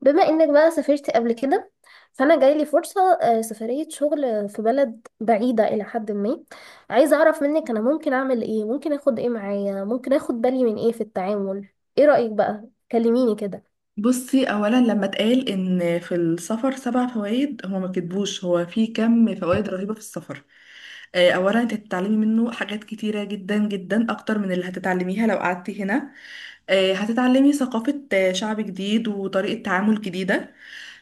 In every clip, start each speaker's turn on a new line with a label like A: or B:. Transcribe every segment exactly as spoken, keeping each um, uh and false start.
A: بما انك بقى سافرت قبل كده، فانا جايلي فرصة آه، سفرية شغل في بلد بعيدة الى حد ما. عايزة اعرف منك، انا ممكن اعمل ايه؟ ممكن اخد ايه معايا؟ ممكن اخد بالي من ايه في التعامل؟ ايه رأيك بقى؟ كلميني كده.
B: بصي، اولا لما اتقال ان في السفر سبع فوائد، هو ما كتبوش، هو في كم فوائد رهيبه في السفر. آه، اولا انت هتتعلمي منه حاجات كتيره جدا جدا اكتر من اللي هتتعلميها لو قعدتي هنا. آه، هتتعلمي ثقافه، آه، شعب جديد وطريقه تعامل جديده.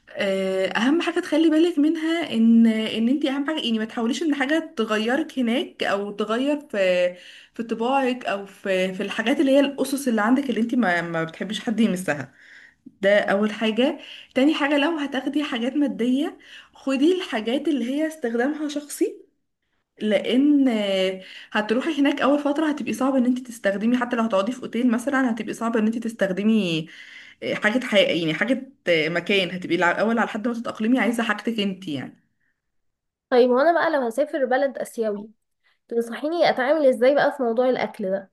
B: آه، اهم حاجه تخلي بالك منها ان ان انت اهم حاجه، يعني ما تحاوليش ان حاجه تغيرك هناك او تغير في في طباعك او في في الحاجات اللي هي الاسس اللي عندك اللي انت ما ما بتحبيش حد يمسها. ده اول حاجة. تاني حاجة، لو هتاخدي حاجات مادية خدي الحاجات اللي هي استخدامها شخصي. لان آه، هتروحي هناك اول فترة، هتبقي صعب ان انت تستخدمي، حتى لو هتقعدي في اوتيل مثلا هتبقي صعب ان انت تستخدمي آه، حاجة حقيقية، يعني حاجة آه، مكان، هتبقي الع- الاول على حد ما تتأقلمي عايزة حاجتك انت يعني.
A: طيب وانا بقى لو هسافر بلد اسيوي، تنصحيني اتعامل ازاي بقى في موضوع الاكل ده؟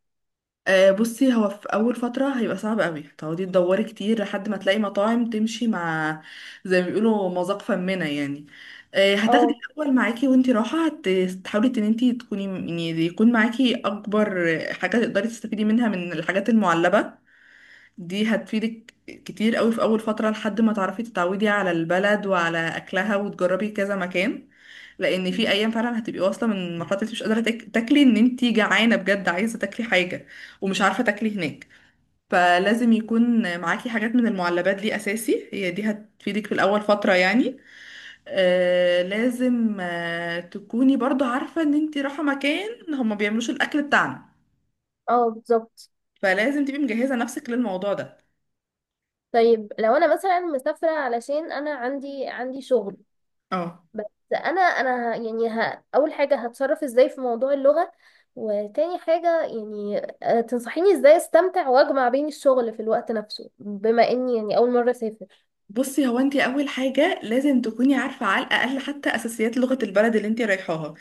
B: آه، بصي، هو في اول فتره هيبقى صعب قوي تقعدي تدوري كتير لحد ما تلاقي مطاعم تمشي مع، زي ما بيقولوا مذاق فمنا يعني. آه، هتاخدي
A: اه،
B: الاول معاكي وانتي رايحه، هت- تحاولي ان انتي تكوني، يعني يكون معاكي اكبر حاجه تقدري تستفيدي منها من الحاجات المعلبه. دي هتفيدك كتير قوي في اول فتره لحد ما تعرفي تتعودي على البلد وعلى اكلها وتجربي كذا مكان. لان في ايام فعلا هتبقي واصله من مرحله، انت مش قادره تاك- تاكلي، ان انت جعانه بجد عايزه تاكلي حاجه ومش عارفه تاكلي هناك. فلازم يكون معاكي حاجات من المعلبات دي اساسي، هي دي هتفيدك في الاول فتره يعني. آه لازم آه تكوني برضو عارفه ان انت رايحه مكان هما بيعملوش الاكل بتاعنا.
A: اه، بالظبط.
B: فلازم تبقي مجهزه نفسك للموضوع ده.
A: طيب لو انا مثلا مسافرة علشان انا عندي عندي شغل
B: اه.
A: بس. انا انا ه- يعني ه... اول حاجه هتصرف ازاي في موضوع اللغه؟ وتاني حاجه يعني، آه، تنصحيني ازاي استمتع واجمع بين الشغل في الوقت نفسه، بما اني يعني اول مره اسافر.
B: بصي، هو انت اول حاجه لازم تكوني عارفه على الاقل حتى اساسيات لغه البلد اللي انت رايحاها،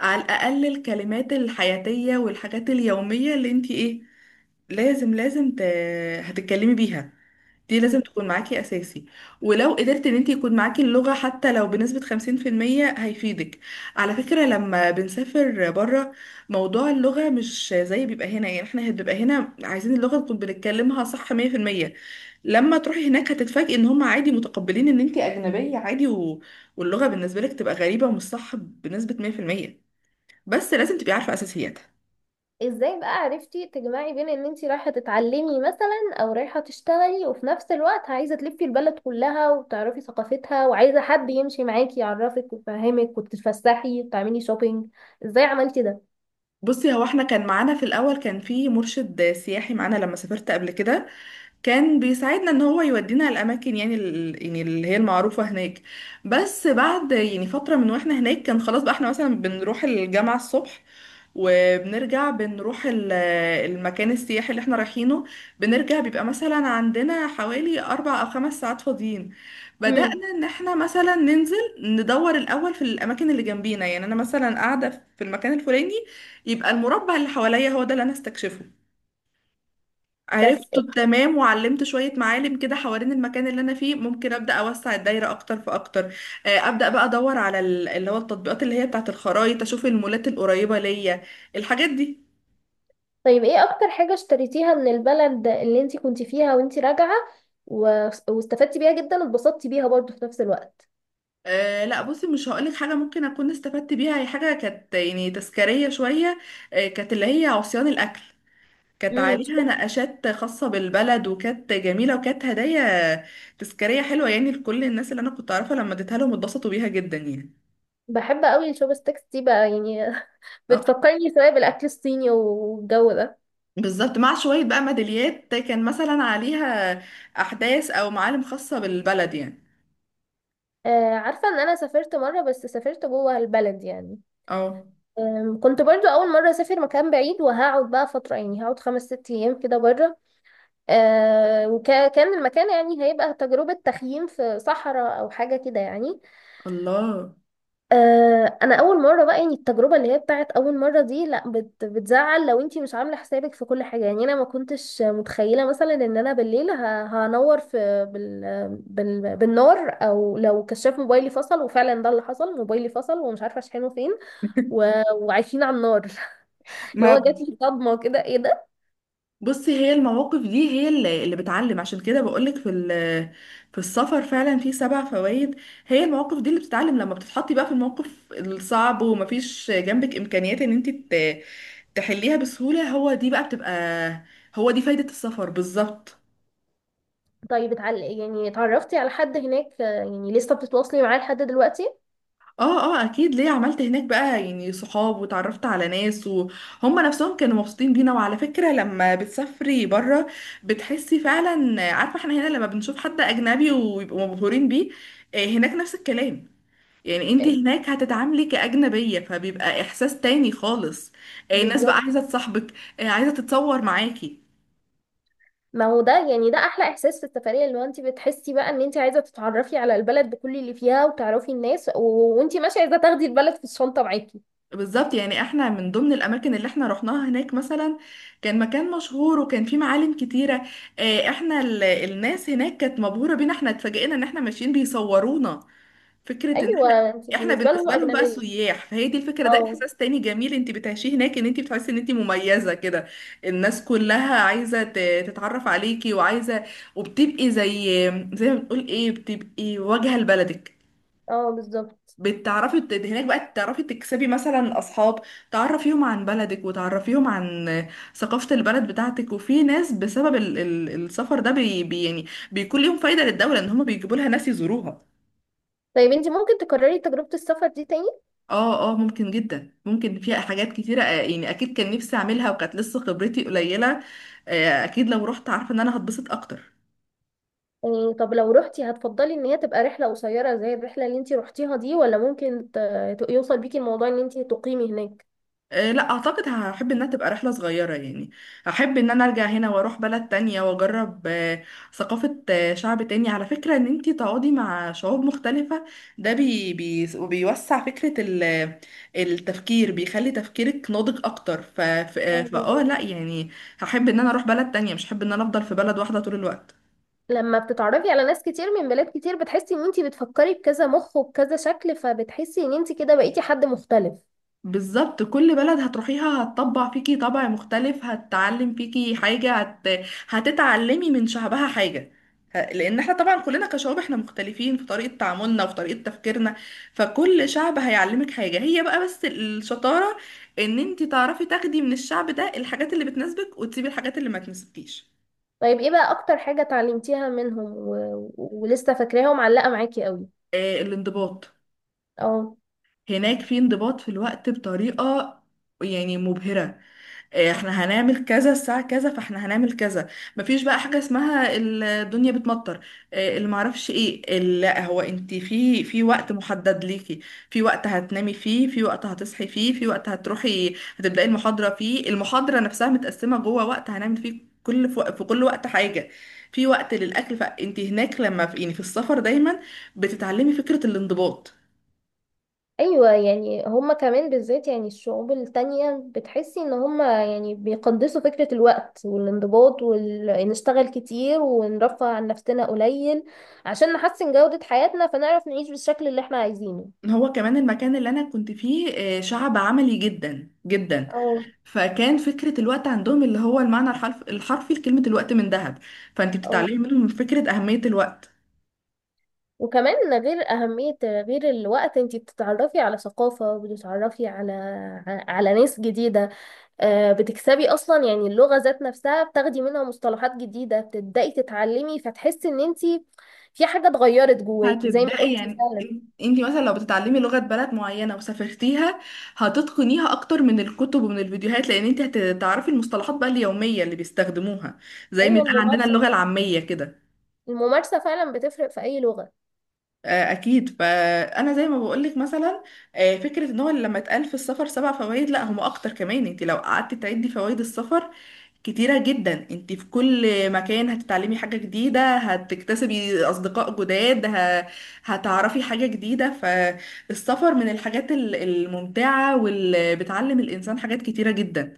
B: على الاقل الكلمات الحياتيه والحاجات اليوميه اللي انت ايه. لازم لازم ت... هتتكلمي بيها. دي لازم
A: مم.
B: تكون معاكي اساسي. ولو قدرت ان انت يكون معاكي اللغة حتى لو بنسبة خمسين في المية هيفيدك. على فكرة، لما بنسافر بره، موضوع اللغة مش زي بيبقى هنا، يعني احنا بيبقى هنا عايزين اللغة نكون بنتكلمها صح مية في المية. لما تروحي هناك هتتفاجئي ان هم عادي متقبلين ان انت اجنبية عادي و... واللغة بالنسبة لك تبقى غريبة ومش صح بنسبة مية في المية، بس لازم تبقي عارفة اساسياتها.
A: ازاي بقى عرفتي تجمعي بين ان انتي رايحه تتعلمي مثلا او رايحه تشتغلي، وفي نفس الوقت عايزه تلفي البلد كلها وتعرفي ثقافتها، وعايزه حد يمشي معاكي يعرفك ويفهمك وتتفسحي وتعملي شوبينج؟ ازاي عملتي ده؟
B: بصي، هو احنا كان معانا في الاول، كان في مرشد سياحي معانا لما سافرت قبل كده. كان بيساعدنا ان هو يودينا الاماكن، يعني ال- يعني اللي هي المعروفه هناك. بس بعد يعني فتره من واحنا هناك، كان خلاص بقى احنا مثلا بنروح الجامعه الصبح، وبنرجع بنروح ال- المكان السياحي اللي احنا رايحينه. بنرجع بيبقى مثلا عندنا حوالي اربع او خمس ساعات فاضيين.
A: مم.
B: بدأنا ان احنا مثلا ننزل ندور الاول في الاماكن اللي جنبينا، يعني انا مثلا قاعده في المكان الفلاني، يبقى المربع اللي حواليا هو ده اللي انا استكشفه.
A: بس.
B: عرفته تمام، وعلمت شوية معالم كده حوالين المكان اللي أنا فيه، ممكن أبدأ أوسع الدايرة أكتر فأكتر. آه، أبدأ بقى أدور على ال- اللي هو التطبيقات اللي هي بتاعة الخرايط، أشوف المولات القريبة ليا، الحاجات دي.
A: طيب، ايه اكتر حاجة اشتريتيها من البلد اللي انتي كنتي فيها وانتي راجعة و... واستفدتي بيها جدا واتبسطتي بيها برضو في نفس الوقت؟
B: أه لا، بصي، مش هقولك حاجة ممكن أكون استفدت بيها، هي حاجة كانت يعني تذكارية شوية. أه، كانت اللي هي عصيان الأكل. كانت
A: امم
B: عليها نقاشات خاصة بالبلد، وكانت جميلة، وكانت هدايا تذكارية حلوة يعني، لكل الناس اللي أنا كنت أعرفها. لما اديتها لهم اتبسطوا بيها جدا يعني.
A: بحب قوي الشوب ستيكس دي بقى يعني بتفكرني شوية بالاكل الصيني والجو ده.
B: بالظبط، مع شوية بقى ميداليات كان مثلا عليها أحداث أو معالم خاصة بالبلد يعني.
A: آه عارفة ان انا سافرت مرة، بس سافرت جوه البلد يعني.
B: اه.
A: آم، كنت برضو اول مرة اسافر مكان بعيد وهقعد بقى فترة، يعني هقعد خمس ست ايام كده بره. آه وكان المكان يعني هيبقى تجربة تخييم في صحراء او حاجة كده يعني.
B: الله.
A: آه، انا اول مره بقى، يعني التجربه اللي هي بتاعت اول مره دي لا بت بتزعل لو انتي مش عامله حسابك في كل حاجه. يعني انا ما كنتش متخيله مثلا ان انا بالليل ه- هنور في بال بال بالنار، او لو كشاف موبايلي فصل. وفعلا ده اللي حصل، موبايلي فصل ومش عارفه اشحنه فين و... وعايشين على النار. اللي هو
B: ما،
A: جات لي صدمه كده، ايه ده؟
B: بصي، هي المواقف دي هي اللي اللي بتعلم، عشان كده بقولك في ال- في السفر فعلا في سبع فوائد. هي المواقف دي اللي بتتعلم، لما بتتحطي بقى في الموقف الصعب ومفيش جنبك إمكانيات إن انت ت- تحليها بسهولة، هو دي بقى بتبقى، هو دي فايدة السفر بالظبط.
A: طيب اتعل... يعني اتعرفتي على حد هناك، آه، يعني لسه بتتواصلي معاه لحد دلوقتي؟
B: اه اه، اكيد. ليه، عملت هناك بقى يعني صحاب، وتعرفت على ناس وهم نفسهم كانوا مبسوطين بينا. وعلى فكرة لما بتسافري بره بتحسي فعلا، عارفة احنا هنا لما بنشوف حد اجنبي ويبقوا مبهورين بيه، آه، هناك نفس الكلام. يعني انت
A: آه،
B: هناك هتتعاملي كأجنبية، فبيبقى احساس تاني خالص. آه، الناس بقى
A: بالظبط.
B: عايزة تصاحبك، آه، عايزة تتصور معاكي.
A: ما هو ده يعني، ده احلى احساس في السفريه، اللي هو انت بتحسي بقى ان انت عايزه تتعرفي على البلد بكل اللي فيها وتعرفي الناس، و- وانت ماشيه عايزه تاخدي البلد في الشنطه معاكي.
B: بالظبط، يعني احنا من ضمن الاماكن اللي احنا رحناها هناك مثلا، كان مكان مشهور وكان فيه معالم كتيره. آه، احنا ال- الناس هناك كانت مبهوره بينا، احنا اتفاجئنا ان احنا ماشيين بيصورونا، فكره ان احنا
A: ايوه، انت
B: احنا
A: بالنسبه لهم
B: بالنسبه لهم بقى
A: اجنبيه.
B: سياح. فهي دي الفكره، ده
A: اه،
B: احساس تاني جميل انت بتعيشيه هناك، ان انت بتحسي ان انت مميزه كده. الناس كلها عايزه ت- تتعرف عليكي، وعايزه، وبتبقي زي زي ما بنقول ايه، بتبقي واجهه لبلدك.
A: اه، بالظبط.
B: بتعرفي ت- هناك بقى تعرفي تكسبي مثلا اصحاب، تعرفيهم عن بلدك وتعرفيهم عن ثقافة البلد بتاعتك. وفي ناس بسبب ال ال السفر ده بي بي يعني بيكون ليهم فايدة للدولة ان هم بيجيبوا لها ناس يزوروها.
A: طيب انت ممكن تكرري تجربه السفر دي تاني؟
B: اه اه، ممكن جدا. ممكن فيها حاجات كتيرة، آه، يعني اكيد كان نفسي اعملها وكانت لسه خبرتي قليلة. آه، اكيد لو رحت عارفة ان انا هتبسط اكتر.
A: يعني طب لو روحتي، هتفضلي ان هي تبقى رحله قصيره زي الرحله اللي انت روحتيها دي، ولا ممكن ت- ت- يوصل بيكي الموضوع ان انت تقيمي هناك؟
B: آه، لا اعتقد، هحب انها تبقى رحله صغيره يعني. هحب ان انا ارجع هنا واروح بلد تانية واجرب آه، ثقافه، آه، شعب تاني. على فكره، ان انتي تقعدي مع شعوب مختلفه، ده بي بي بيوسع فكره ال- التفكير، بيخلي تفكيرك ناضج اكتر، ف ف- آه،
A: اه،
B: فاه
A: بالظبط.
B: لا يعني. هحب ان انا اروح بلد تانية، مش هحب ان انا افضل في بلد واحده طول الوقت.
A: لما بتتعرفي على ناس كتير من بلاد كتير، بتحسي ان انتي بتفكري بكذا مخ وبكذا شكل، فبتحسي ان انتي كده بقيتي حد مختلف.
B: بالظبط، كل بلد هتروحيها هتطبع فيكي طبع مختلف، هتتعلم فيكي حاجة، هت... هتتعلمي من شعبها حاجة. ه- لأن احنا طبعا كلنا كشعوب احنا مختلفين في طريقة تعاملنا وفي طريقة تفكيرنا. فكل شعب هيعلمك حاجة، هي بقى بس الشطارة ان انت تعرفي تاخدي من الشعب ده الحاجات اللي بتناسبك وتسيبي الحاجات اللي ما تناسبكيش.
A: طيب ايه بقى اكتر حاجة اتعلمتيها منهم و... ولسه فاكراها ومعلقة معاكي قوي؟
B: آه الانضباط.
A: اه.
B: هناك في انضباط في الوقت بطريقة يعني مبهرة. إيه، احنا هنعمل كذا الساعة كذا فاحنا هنعمل كذا. مفيش بقى حاجة اسمها الدنيا بتمطر. إيه، اللي معرفش ايه ال- لا، هو انت في في وقت محدد ليكي، في وقت هتنامي فيه، في وقت هتصحي فيه، في وقت هتروحي هتبدأي المحاضرة فيه، المحاضرة نفسها متقسمة جوه وقت هنعمل فيه كل، في وق- في كل وقت حاجة، في وقت للأكل. فانت هناك لما في يعني في السفر دايما بتتعلمي فكرة الانضباط.
A: ايوه يعني، هما كمان بالذات، يعني الشعوب التانية بتحسي ان هما يعني بيقدسوا فكرة الوقت والانضباط، وال... نشتغل كتير ونرفه عن نفسنا قليل عشان نحسن جودة حياتنا فنعرف نعيش بالشكل اللي احنا عايزينه.
B: هو كمان المكان اللي انا كنت فيه آه، شعب عملي جدا جدا.
A: اه.
B: فكان فكرة الوقت عندهم، اللي هو المعنى الحرف الحرفي لكلمة الوقت من ذهب. فانت
A: اه،
B: بتتعلمي منهم فكرة أهمية الوقت.
A: وكمان، غير أهمية، غير الوقت، انت بتتعرفي على ثقافة، بتتعرفي على على ناس جديدة. آه، بتكسبي أصلا يعني اللغة ذات نفسها، بتاخدي منها مصطلحات جديدة، بتبدأي تتعلمي، فتحسي ان انت في حاجة اتغيرت جواكي زي ما
B: هتبدأي
A: قلتي
B: يعني،
A: فعلا.
B: انت مثلا لو بتتعلمي لغة بلد معينة وسافرتيها، هتتقنيها أكتر من الكتب ومن الفيديوهات، لأن انت هتعرفي المصطلحات بقى اليومية اللي بيستخدموها، زي ما
A: أيوة،
B: يتقال عندنا
A: الممارسة.
B: اللغة العامية كده.
A: الممارسة فعلا بتفرق في أي لغة.
B: آه، اكيد، فانا زي ما بقولك مثلا، آه، فكره ان هو لما اتقال في السفر سبع فوائد، لا هم اكتر كمان. انت لو قعدت تعدي فوائد السفر كتيره جدا، انت في كل مكان هتتعلمي حاجه جديده، هتكتسبي اصدقاء جداد، ه... هتعرفي حاجه جديده. فالسفر من الحاجات ال- الممتعه واللي بتعلم الانسان حاجات كتيره جدا.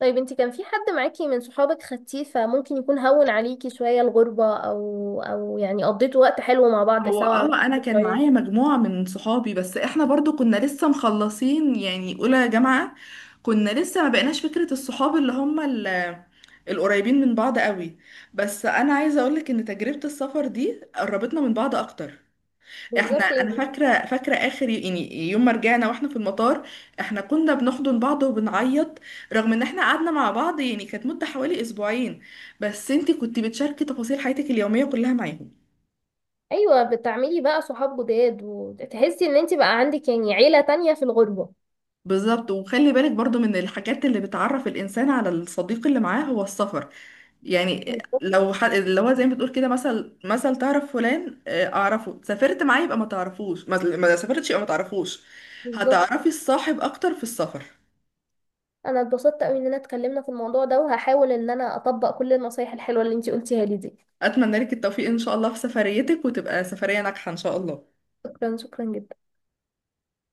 A: طيب انت كان في حد معاكي من صحابك خدتيه فممكن يكون هون عليكي شوية الغربة، أو أو يعني قضيتوا وقت حلو مع بعض
B: هو
A: سوا،
B: اه
A: عملتوا
B: انا كان
A: ذكريات؟
B: معايا مجموعة من صحابي، بس احنا برضو كنا لسه مخلصين يعني اولى جامعة، كنا لسه ما بقيناش فكرة الصحاب اللي هم ال- القريبين من بعض قوي، بس انا عايزة اقولك ان تجربة السفر دي قربتنا من بعض اكتر. احنا،
A: بالظبط
B: انا
A: يعني.
B: فاكرة فاكرة اخر يعني يوم ما رجعنا واحنا في المطار، احنا كنا بنحضن بعض وبنعيط، رغم ان احنا قعدنا مع بعض يعني كانت مدة حوالي اسبوعين، بس انتي كنتي بتشاركي تفاصيل حياتك اليومية كلها معاهم.
A: ايوه، بتعملي بقى صحاب جداد وتحسي ان انت بقى عندك يعني عيله تانية في الغربه.
B: بالظبط. وخلي بالك برضو من الحاجات اللي بتعرف الإنسان على الصديق اللي معاه هو السفر. يعني
A: بالظبط،
B: لو ح... اللي هو زي ما بتقول كده، مثل مثل تعرف فلان، آه، أعرفه، سافرت معاه يبقى ما تعرفوش، ما ما سافرتش يبقى ما تعرفوش.
A: بالظبط.
B: هتعرفي الصاحب أكتر في السفر.
A: انا اتبسطت قوي اننا اتكلمنا في الموضوع ده، وهحاول ان انا اطبق كل النصايح الحلوه اللي انت قلتيها لي دي.
B: أتمنى لك التوفيق إن شاء الله في سفريتك، وتبقى سفرية ناجحة إن شاء الله.
A: شكرا، شكرا جدا.